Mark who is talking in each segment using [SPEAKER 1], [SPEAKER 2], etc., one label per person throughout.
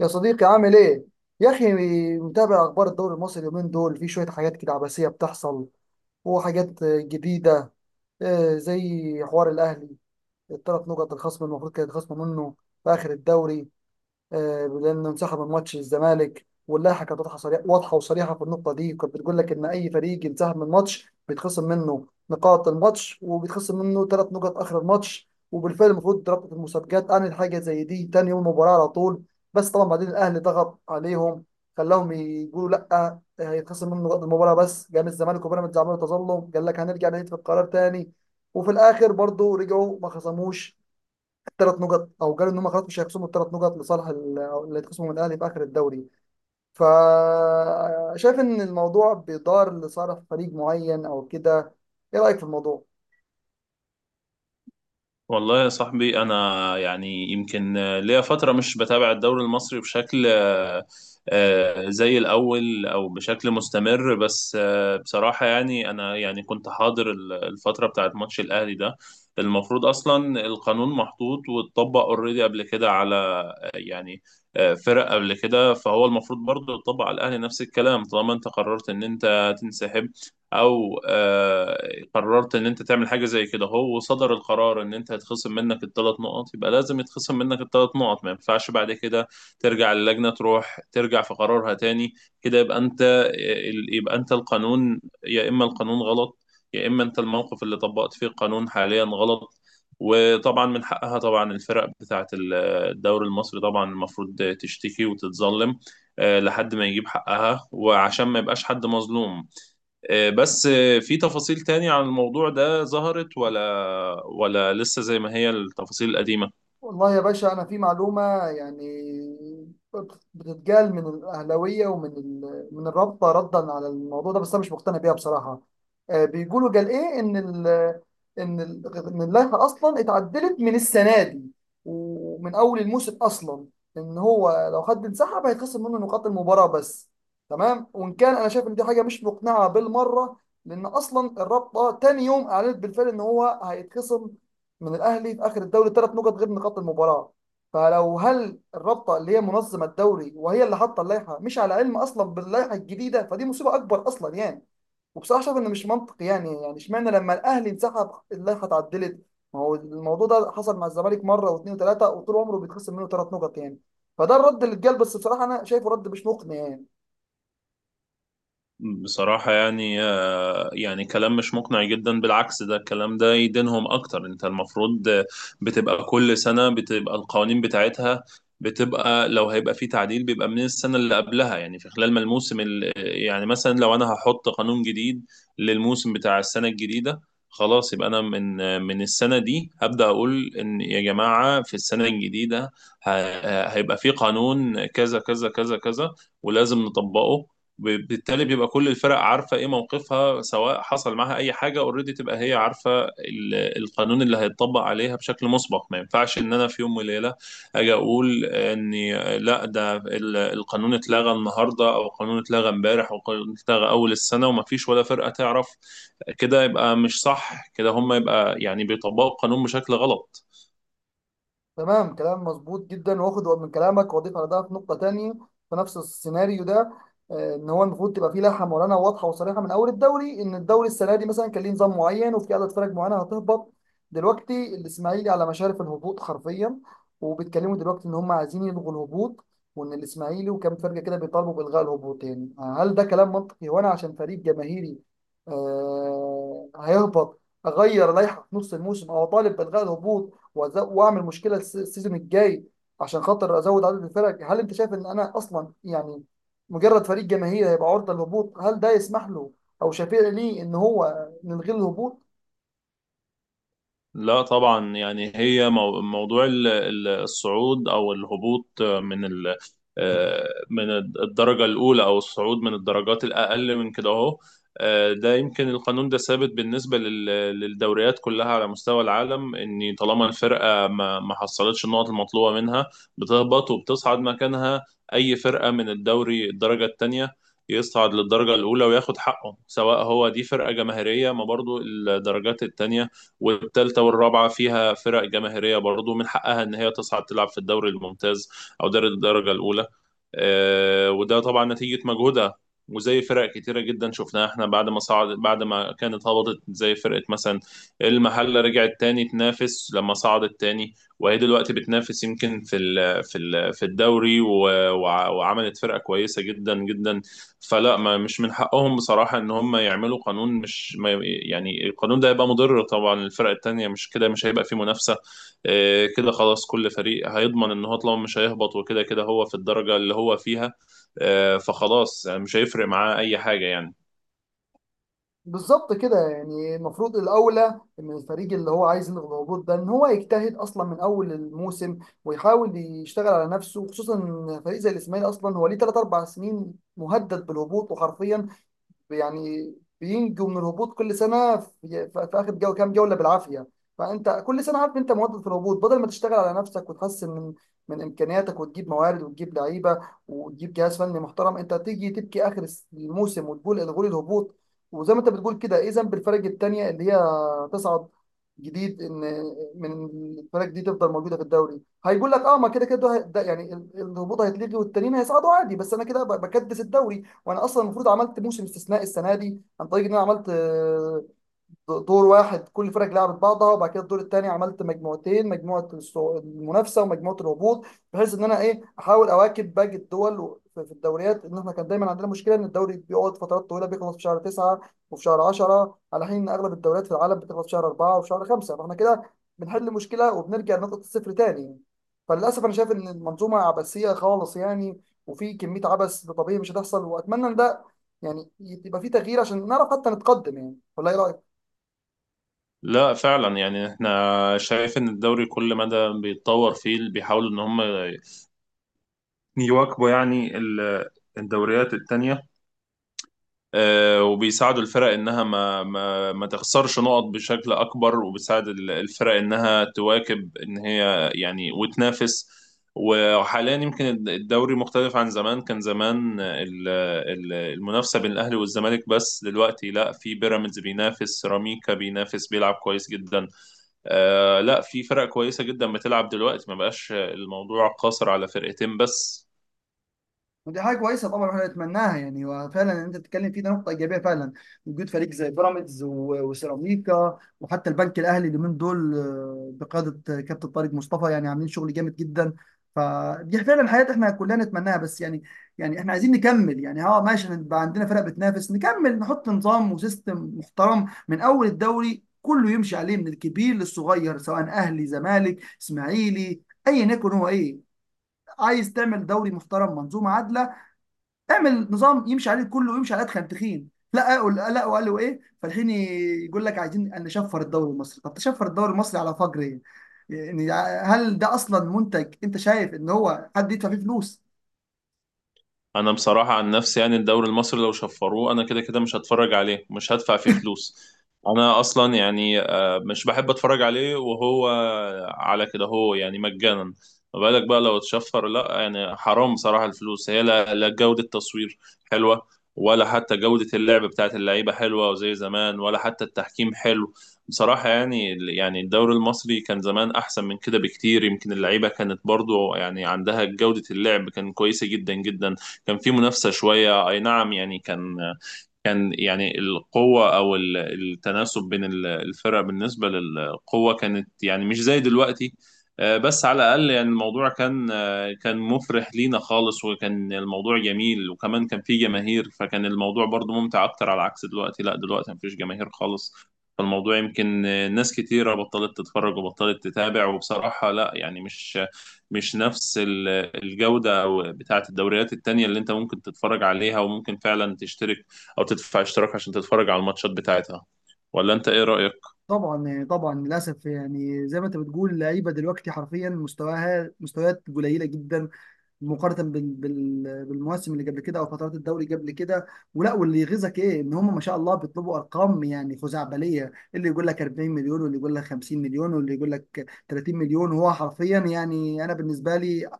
[SPEAKER 1] يا صديقي عامل ايه؟ يا اخي، متابع اخبار الدوري المصري اليومين دول؟ في شويه حاجات كده عباسيه بتحصل وحاجات جديده. زي حوار الاهلي، الثلاث نقط الخصم المفروض كانت خصم منه في اخر الدوري. لانه انسحب من ماتش الزمالك، واللائحه كانت واضحه وصريحه في النقطه دي. كانت بتقول لك ان اي فريق ينسحب من ماتش بيتخصم منه نقاط الماتش، وبيتخصم منه ثلاث نقط اخر الماتش. وبالفعل المفروض رابطه المسابقات انهت حاجه زي دي تاني يوم المباراه على طول. بس طبعا بعدين الاهلي ضغط عليهم، خلاهم يقولوا لا، هيتخصم منه نقاط المباراه بس. قام الزمالك وبيراميدز عملوا تظلم، قال لك هنرجع نعيد في القرار تاني، وفي الاخر برضه رجعوا ما خصموش ثلاث نقط، او قالوا ان هم خلاص مش هيخصموا الثلاث نقط لصالح ال- أو اللي هيتخصموا من الاهلي في اخر الدوري. فشايف ان الموضوع بيدار لصالح فريق معين او كده. ايه رايك في الموضوع؟
[SPEAKER 2] والله يا صاحبي، انا يمكن ليا فتره مش بتابع الدوري المصري بشكل زي الاول او بشكل مستمر. بس آه، بصراحه يعني انا يعني كنت حاضر الفتره بتاعت ماتش الاهلي ده. المفروض اصلا القانون محطوط واتطبق اوريدي قبل كده على، يعني، فرق قبل كده، فهو المفروض برضه يطبق على الاهلي نفس الكلام. طالما انت قررت ان انت تنسحب او آه، قررت ان انت تعمل حاجه زي كده، هو صدر القرار ان انت هيتخصم منك الثلاث نقط، يبقى لازم يتخصم منك الثلاث نقط. ما ينفعش بعد كده ترجع للجنه، تروح ترجع في قرارها تاني. كده يبقى انت القانون. يا اما القانون غلط، يا اما انت الموقف اللي طبقت فيه القانون حاليا غلط. وطبعا من حقها، طبعا، الفرق بتاعت الدوري المصري، طبعا المفروض تشتكي وتتظلم، لحد ما يجيب حقها وعشان ما يبقاش حد مظلوم. آه، بس آه، في تفاصيل تانية عن الموضوع ده ظهرت، ولا لسه زي ما هي التفاصيل القديمة؟
[SPEAKER 1] والله يا باشا، أنا في معلومة يعني بتتقال من الأهلاوية ومن من الرابطة ردا على الموضوع ده، بس أنا مش مقتنع بيها بصراحة. بيقولوا قال إيه إن إن اللائحة أصلا اتعدلت من السنة دي ومن أول الموسم أصلا، إن هو لو حد انسحب هيتخصم منه نقاط المباراة بس. تمام، وإن كان أنا شايف إن دي حاجة مش مقنعة بالمرة، لأن أصلا الرابطة تاني يوم أعلنت بالفعل إن هو هيتخصم من الاهلي في اخر الدوري ثلاث نقط غير نقاط المباراه. فلو هل الرابطه اللي هي منظمه الدوري وهي اللي حاطه اللائحه مش على علم اصلا باللائحه الجديده، فدي مصيبه اكبر اصلا يعني. وبصراحه شايف انه مش منطقي، يعني يعني اشمعنى لما الاهلي انسحب اللائحه اتعدلت؟ ما هو الموضوع ده حصل مع الزمالك مره واثنين وثلاثه وطول عمره بيتخصم منه ثلاث نقط يعني. فده الرد اللي اتقال، بس بصراحه انا شايفه رد مش مقنع يعني.
[SPEAKER 2] بصراحة يعني كلام مش مقنع جدا، بالعكس، ده الكلام ده يدينهم أكتر. أنت المفروض، بتبقى كل سنة بتبقى القوانين بتاعتها، بتبقى لو هيبقى في تعديل بيبقى من السنة اللي قبلها. يعني في خلال ما الموسم يعني، مثلا لو أنا هحط قانون جديد للموسم بتاع السنة الجديدة، خلاص يبقى أنا من من السنة دي هبدأ أقول إن يا جماعة في السنة الجديدة هيبقى في قانون كذا كذا كذا كذا ولازم نطبقه. وبالتالي بيبقى كل الفرق عارفه ايه موقفها، سواء حصل معاها اي حاجه اوريدي، تبقى هي عارفه القانون اللي هيتطبق عليها بشكل مسبق. ما ينفعش ان انا في يوم وليله اجي اقول اني لا، ده القانون اتلغى النهارده، او القانون اتلغى امبارح، او القانون اتلغى اول السنه وما فيش ولا فرقه تعرف. كده يبقى مش صح، كده هم يبقى يعني بيطبقوا القانون بشكل غلط.
[SPEAKER 1] تمام، كلام مظبوط جدا. واخد من كلامك واضيف على ده في نقطة تانية في نفس السيناريو ده. ان هو المفروض تبقى فيه لائحة معلنة واضحة وصريحة من اول الدوري، ان الدوري السنة دي مثلا كان ليه نظام معين وفي عدد فرق معينة هتهبط. دلوقتي الاسماعيلي على مشارف الهبوط حرفيا، وبيتكلموا دلوقتي ان هم عايزين يلغوا الهبوط، وان الاسماعيلي وكام فرقة كده بيطالبوا بإلغاء الهبوطين. هل ده كلام منطقي؟ وانا عشان فريق جماهيري هيهبط، اغير لائحة في نص الموسم او اطالب بإلغاء الهبوط واعمل مشكله السيزون الجاي عشان خاطر ازود عدد الفرق؟ هل انت شايف ان انا اصلا يعني مجرد فريق جماهيري هيبقى عرضه للهبوط هل ده يسمح له او شفيع ليه ان هو نلغي الهبوط؟
[SPEAKER 2] لا طبعا، يعني هي موضوع الصعود او الهبوط من من الدرجه الاولى، او الصعود من الدرجات الاقل من كده اهو. ده يمكن القانون ده ثابت بالنسبه للدوريات كلها على مستوى العالم، ان طالما الفرقه ما حصلتش النقط المطلوبه منها، بتهبط وبتصعد مكانها اي فرقه من الدوري الدرجه الثانيه يصعد للدرجة الأولى وياخد حقه. سواء هو دي فرقة جماهيرية، ما برضو الدرجات التانية والثالثه والرابعه فيها فرق جماهيريه برضو من حقها ان هي تصعد تلعب في الدوري الممتاز او دوري الدرجه الاولى. وده طبعا نتيجه مجهودها. وزي فرق كتيرة جدا شفناها احنا بعد ما صعد بعد ما كانت هبطت، زي فرقة مثلا المحلة، رجعت تاني تنافس لما صعدت تاني، وهي دلوقتي بتنافس يمكن في الدوري وعملت فرقة كويسة جدا جدا. فلا، ما مش من حقهم بصراحة ان هم يعملوا قانون مش، ما يعني، القانون ده هيبقى مضر طبعا للفرق التانية. مش كده مش هيبقى فيه منافسة، كده خلاص كل فريق هيضمن ان هو طالما مش هيهبط، وكده كده هو في الدرجة اللي هو فيها، فخلاص يعني مش هيفرق معاه اي حاجة يعني.
[SPEAKER 1] بالظبط كده، يعني المفروض الاولى ان الفريق اللي هو عايز يلغي الهبوط ده ان هو يجتهد اصلا من اول الموسم، ويحاول يشتغل على نفسه. خصوصا ان فريق زي الاسماعيلي اصلا هو ليه 3 4 سنين مهدد بالهبوط وحرفيا يعني بينجوا من الهبوط كل سنه في اخر كام جوله بالعافيه. فانت كل سنه عارف انت مواظب في الهبوط، بدل ما تشتغل على نفسك وتحسن من امكانياتك وتجيب موارد وتجيب لعيبه وتجيب جهاز فني محترم، انت تيجي تبكي اخر الموسم وتقول الغوا لي الهبوط. وزي ما انت بتقول كده، ايه ذنب الفرق التانيه اللي هي تصعد جديد ان من الفرق دي تفضل موجوده في الدوري؟ هيقول لك اه ما كده كده ده يعني الهبوط هيتلغي والتانيين هيصعدوا عادي، بس انا كده بكدس الدوري. وانا اصلا المفروض عملت موسم استثنائي السنه دي، عن طريق ان انا عملت دور واحد كل فرق لعبت بعضها، وبعد كده الدور الثاني عملت مجموعتين، مجموعه المنافسه ومجموعه الهبوط. بحيث ان انا ايه احاول اواكب باقي الدول في الدوريات. ان احنا كان دايما عندنا مشكله ان الدوري بيقعد فترات طويله بيخلص في شهر 9 وفي شهر 10، على حين ان اغلب الدوريات في العالم بتخلص في شهر 4 وفي شهر 5. فاحنا كده بنحل مشكله وبنرجع لنقطه الصفر تاني. فللاسف انا شايف ان المنظومه عبثيه خالص يعني، وفي كميه عبث طبيعي مش هتحصل. واتمنى ان ده يعني يبقى في تغيير عشان نعرف حتى نتقدم يعني. ولا ايه رايك؟
[SPEAKER 2] لا فعلا، يعني احنا شايف ان الدوري كل مدى بيتطور فيه، بيحاولوا ان هم يواكبوا يعني الدوريات التانية. وبيساعدوا الفرق انها ما تخسرش نقط بشكل اكبر، وبيساعد الفرق انها تواكب ان هي يعني وتنافس. وحاليا يمكن الدوري مختلف عن زمان. كان زمان المنافسة بين الاهلي والزمالك بس، دلوقتي لا، في بيراميدز بينافس، سيراميكا بينافس بيلعب كويس جدا. آه لا، في فرق كويسة جدا بتلعب دلوقتي، ما بقاش الموضوع قاصر على فرقتين بس.
[SPEAKER 1] ودي حاجه كويسه طبعا احنا نتمناها يعني. وفعلا اللي انت بتتكلم فيه ده نقطه ايجابيه فعلا، وجود فريق زي بيراميدز وسيراميكا وحتى البنك الاهلي اليومين دول، بقياده كابتن طارق مصطفى، يعني عاملين شغل جامد جدا. فدي فعلا حياه احنا كلنا نتمناها، بس يعني يعني احنا عايزين نكمل يعني. اه ماشي، نبقى عندنا فرق بتنافس، نكمل نحط نظام وسيستم محترم من اول الدوري كله يمشي عليه من الكبير للصغير، سواء اهلي زمالك اسماعيلي ايا يكن. هو ايه؟ عايز تعمل دوري محترم منظومه عادله؟ اعمل نظام يمشي عليه كله، ويمشي على ادخل تخين لا قال لا. وقالوا ايه فالحين؟ يقول لك عايزين ان نشفر الدوري المصري. طب تشفر الدوري المصري على فجر ايه يعني؟ هل ده اصلا منتج انت شايف ان هو حد يدفع فيه فلوس؟
[SPEAKER 2] انا بصراحه عن نفسي يعني الدوري المصري لو شفروه انا كده كده مش هتفرج عليه، مش هدفع فيه فلوس. انا اصلا يعني مش بحب اتفرج عليه وهو على كده، هو يعني مجانا، ما بالك بقى لو اتشفر. لا يعني حرام بصراحه الفلوس. هي لا، لا جوده تصوير حلوه، ولا حتى جوده اللعب بتاعت اللعيبه حلوه وزي زمان، ولا حتى التحكيم حلو. بصراحه يعني الدوري المصري كان زمان احسن من كده بكتير. يمكن اللعيبه كانت برضو يعني عندها جوده، اللعب كان كويسه جدا جدا، كان في منافسه شويه، اي نعم، يعني كان يعني القوة أو التناسب بين الفرق بالنسبة للقوة كانت يعني مش زي دلوقتي. بس على الأقل يعني الموضوع كان، كان مفرح لينا خالص، وكان الموضوع جميل، وكمان كان فيه جماهير، فكان الموضوع برضو ممتع أكتر. على عكس دلوقتي، لا، دلوقتي مفيش جماهير خالص، فالموضوع يمكن ناس كتيرة بطلت تتفرج وبطلت تتابع. وبصراحة لا يعني مش نفس الجودة أو بتاعة الدوريات التانية اللي أنت ممكن تتفرج عليها وممكن فعلا تشترك او تدفع اشتراك عشان تتفرج على الماتشات بتاعتها. ولا انت ايه رأيك؟
[SPEAKER 1] طبعا طبعا للاسف، يعني زي ما انت بتقول، اللعيبه دلوقتي حرفيا مستواها مستويات قليله جدا مقارنه بالمواسم اللي قبل كده او فترات الدوري قبل كده. ولا واللي يغيظك ايه ان هم ما شاء الله بيطلبوا ارقام يعني خزعبليه، اللي يقول لك 40 مليون واللي يقول لك 50 مليون واللي يقول لك 30 مليون. وهو حرفيا يعني انا بالنسبه لي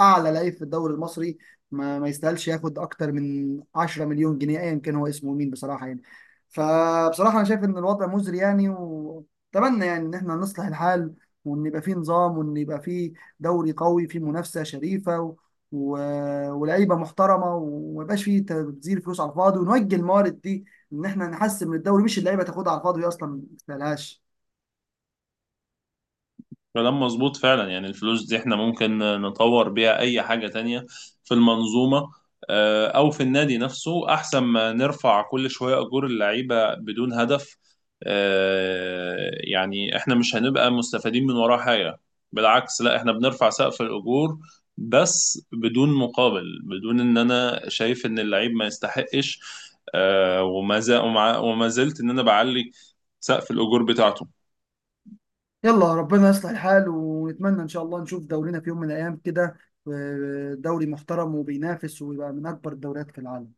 [SPEAKER 1] اعلى لعيب في الدوري المصري ما يستاهلش ياخد اكتر من 10 مليون جنيه ايا كان هو اسمه مين بصراحه يعني. فبصراحه انا شايف ان الوضع مزري يعني، واتمنى يعني ان احنا نصلح الحال، وان يبقى فيه نظام وان يبقى فيه دوري قوي فيه منافسه شريفه و... ولاعيبه محترمه، وما يبقاش فيه تبذير فلوس على الفاضي، ونوجه الموارد دي ان احنا نحسن من الدوري، مش اللعيبه تاخدها على الفاضي وهي اصلا ما تستاهلهاش.
[SPEAKER 2] كلام مظبوط فعلا. يعني الفلوس دي احنا ممكن نطور بيها اي حاجة تانية في المنظومة، او في النادي نفسه، احسن ما نرفع كل شوية اجور اللعيبة بدون هدف. يعني احنا مش هنبقى مستفيدين من وراه حاجة، بالعكس، لا، احنا بنرفع سقف الاجور بس بدون مقابل، بدون ان، انا شايف ان اللعيب ما يستحقش، وما زلت ان انا بعلي سقف الاجور بتاعته.
[SPEAKER 1] يلا ربنا يصلح الحال، ونتمنى ان شاء الله نشوف دورينا في يوم من الايام كده، دوري محترم وبينافس ويبقى من اكبر الدوريات في العالم.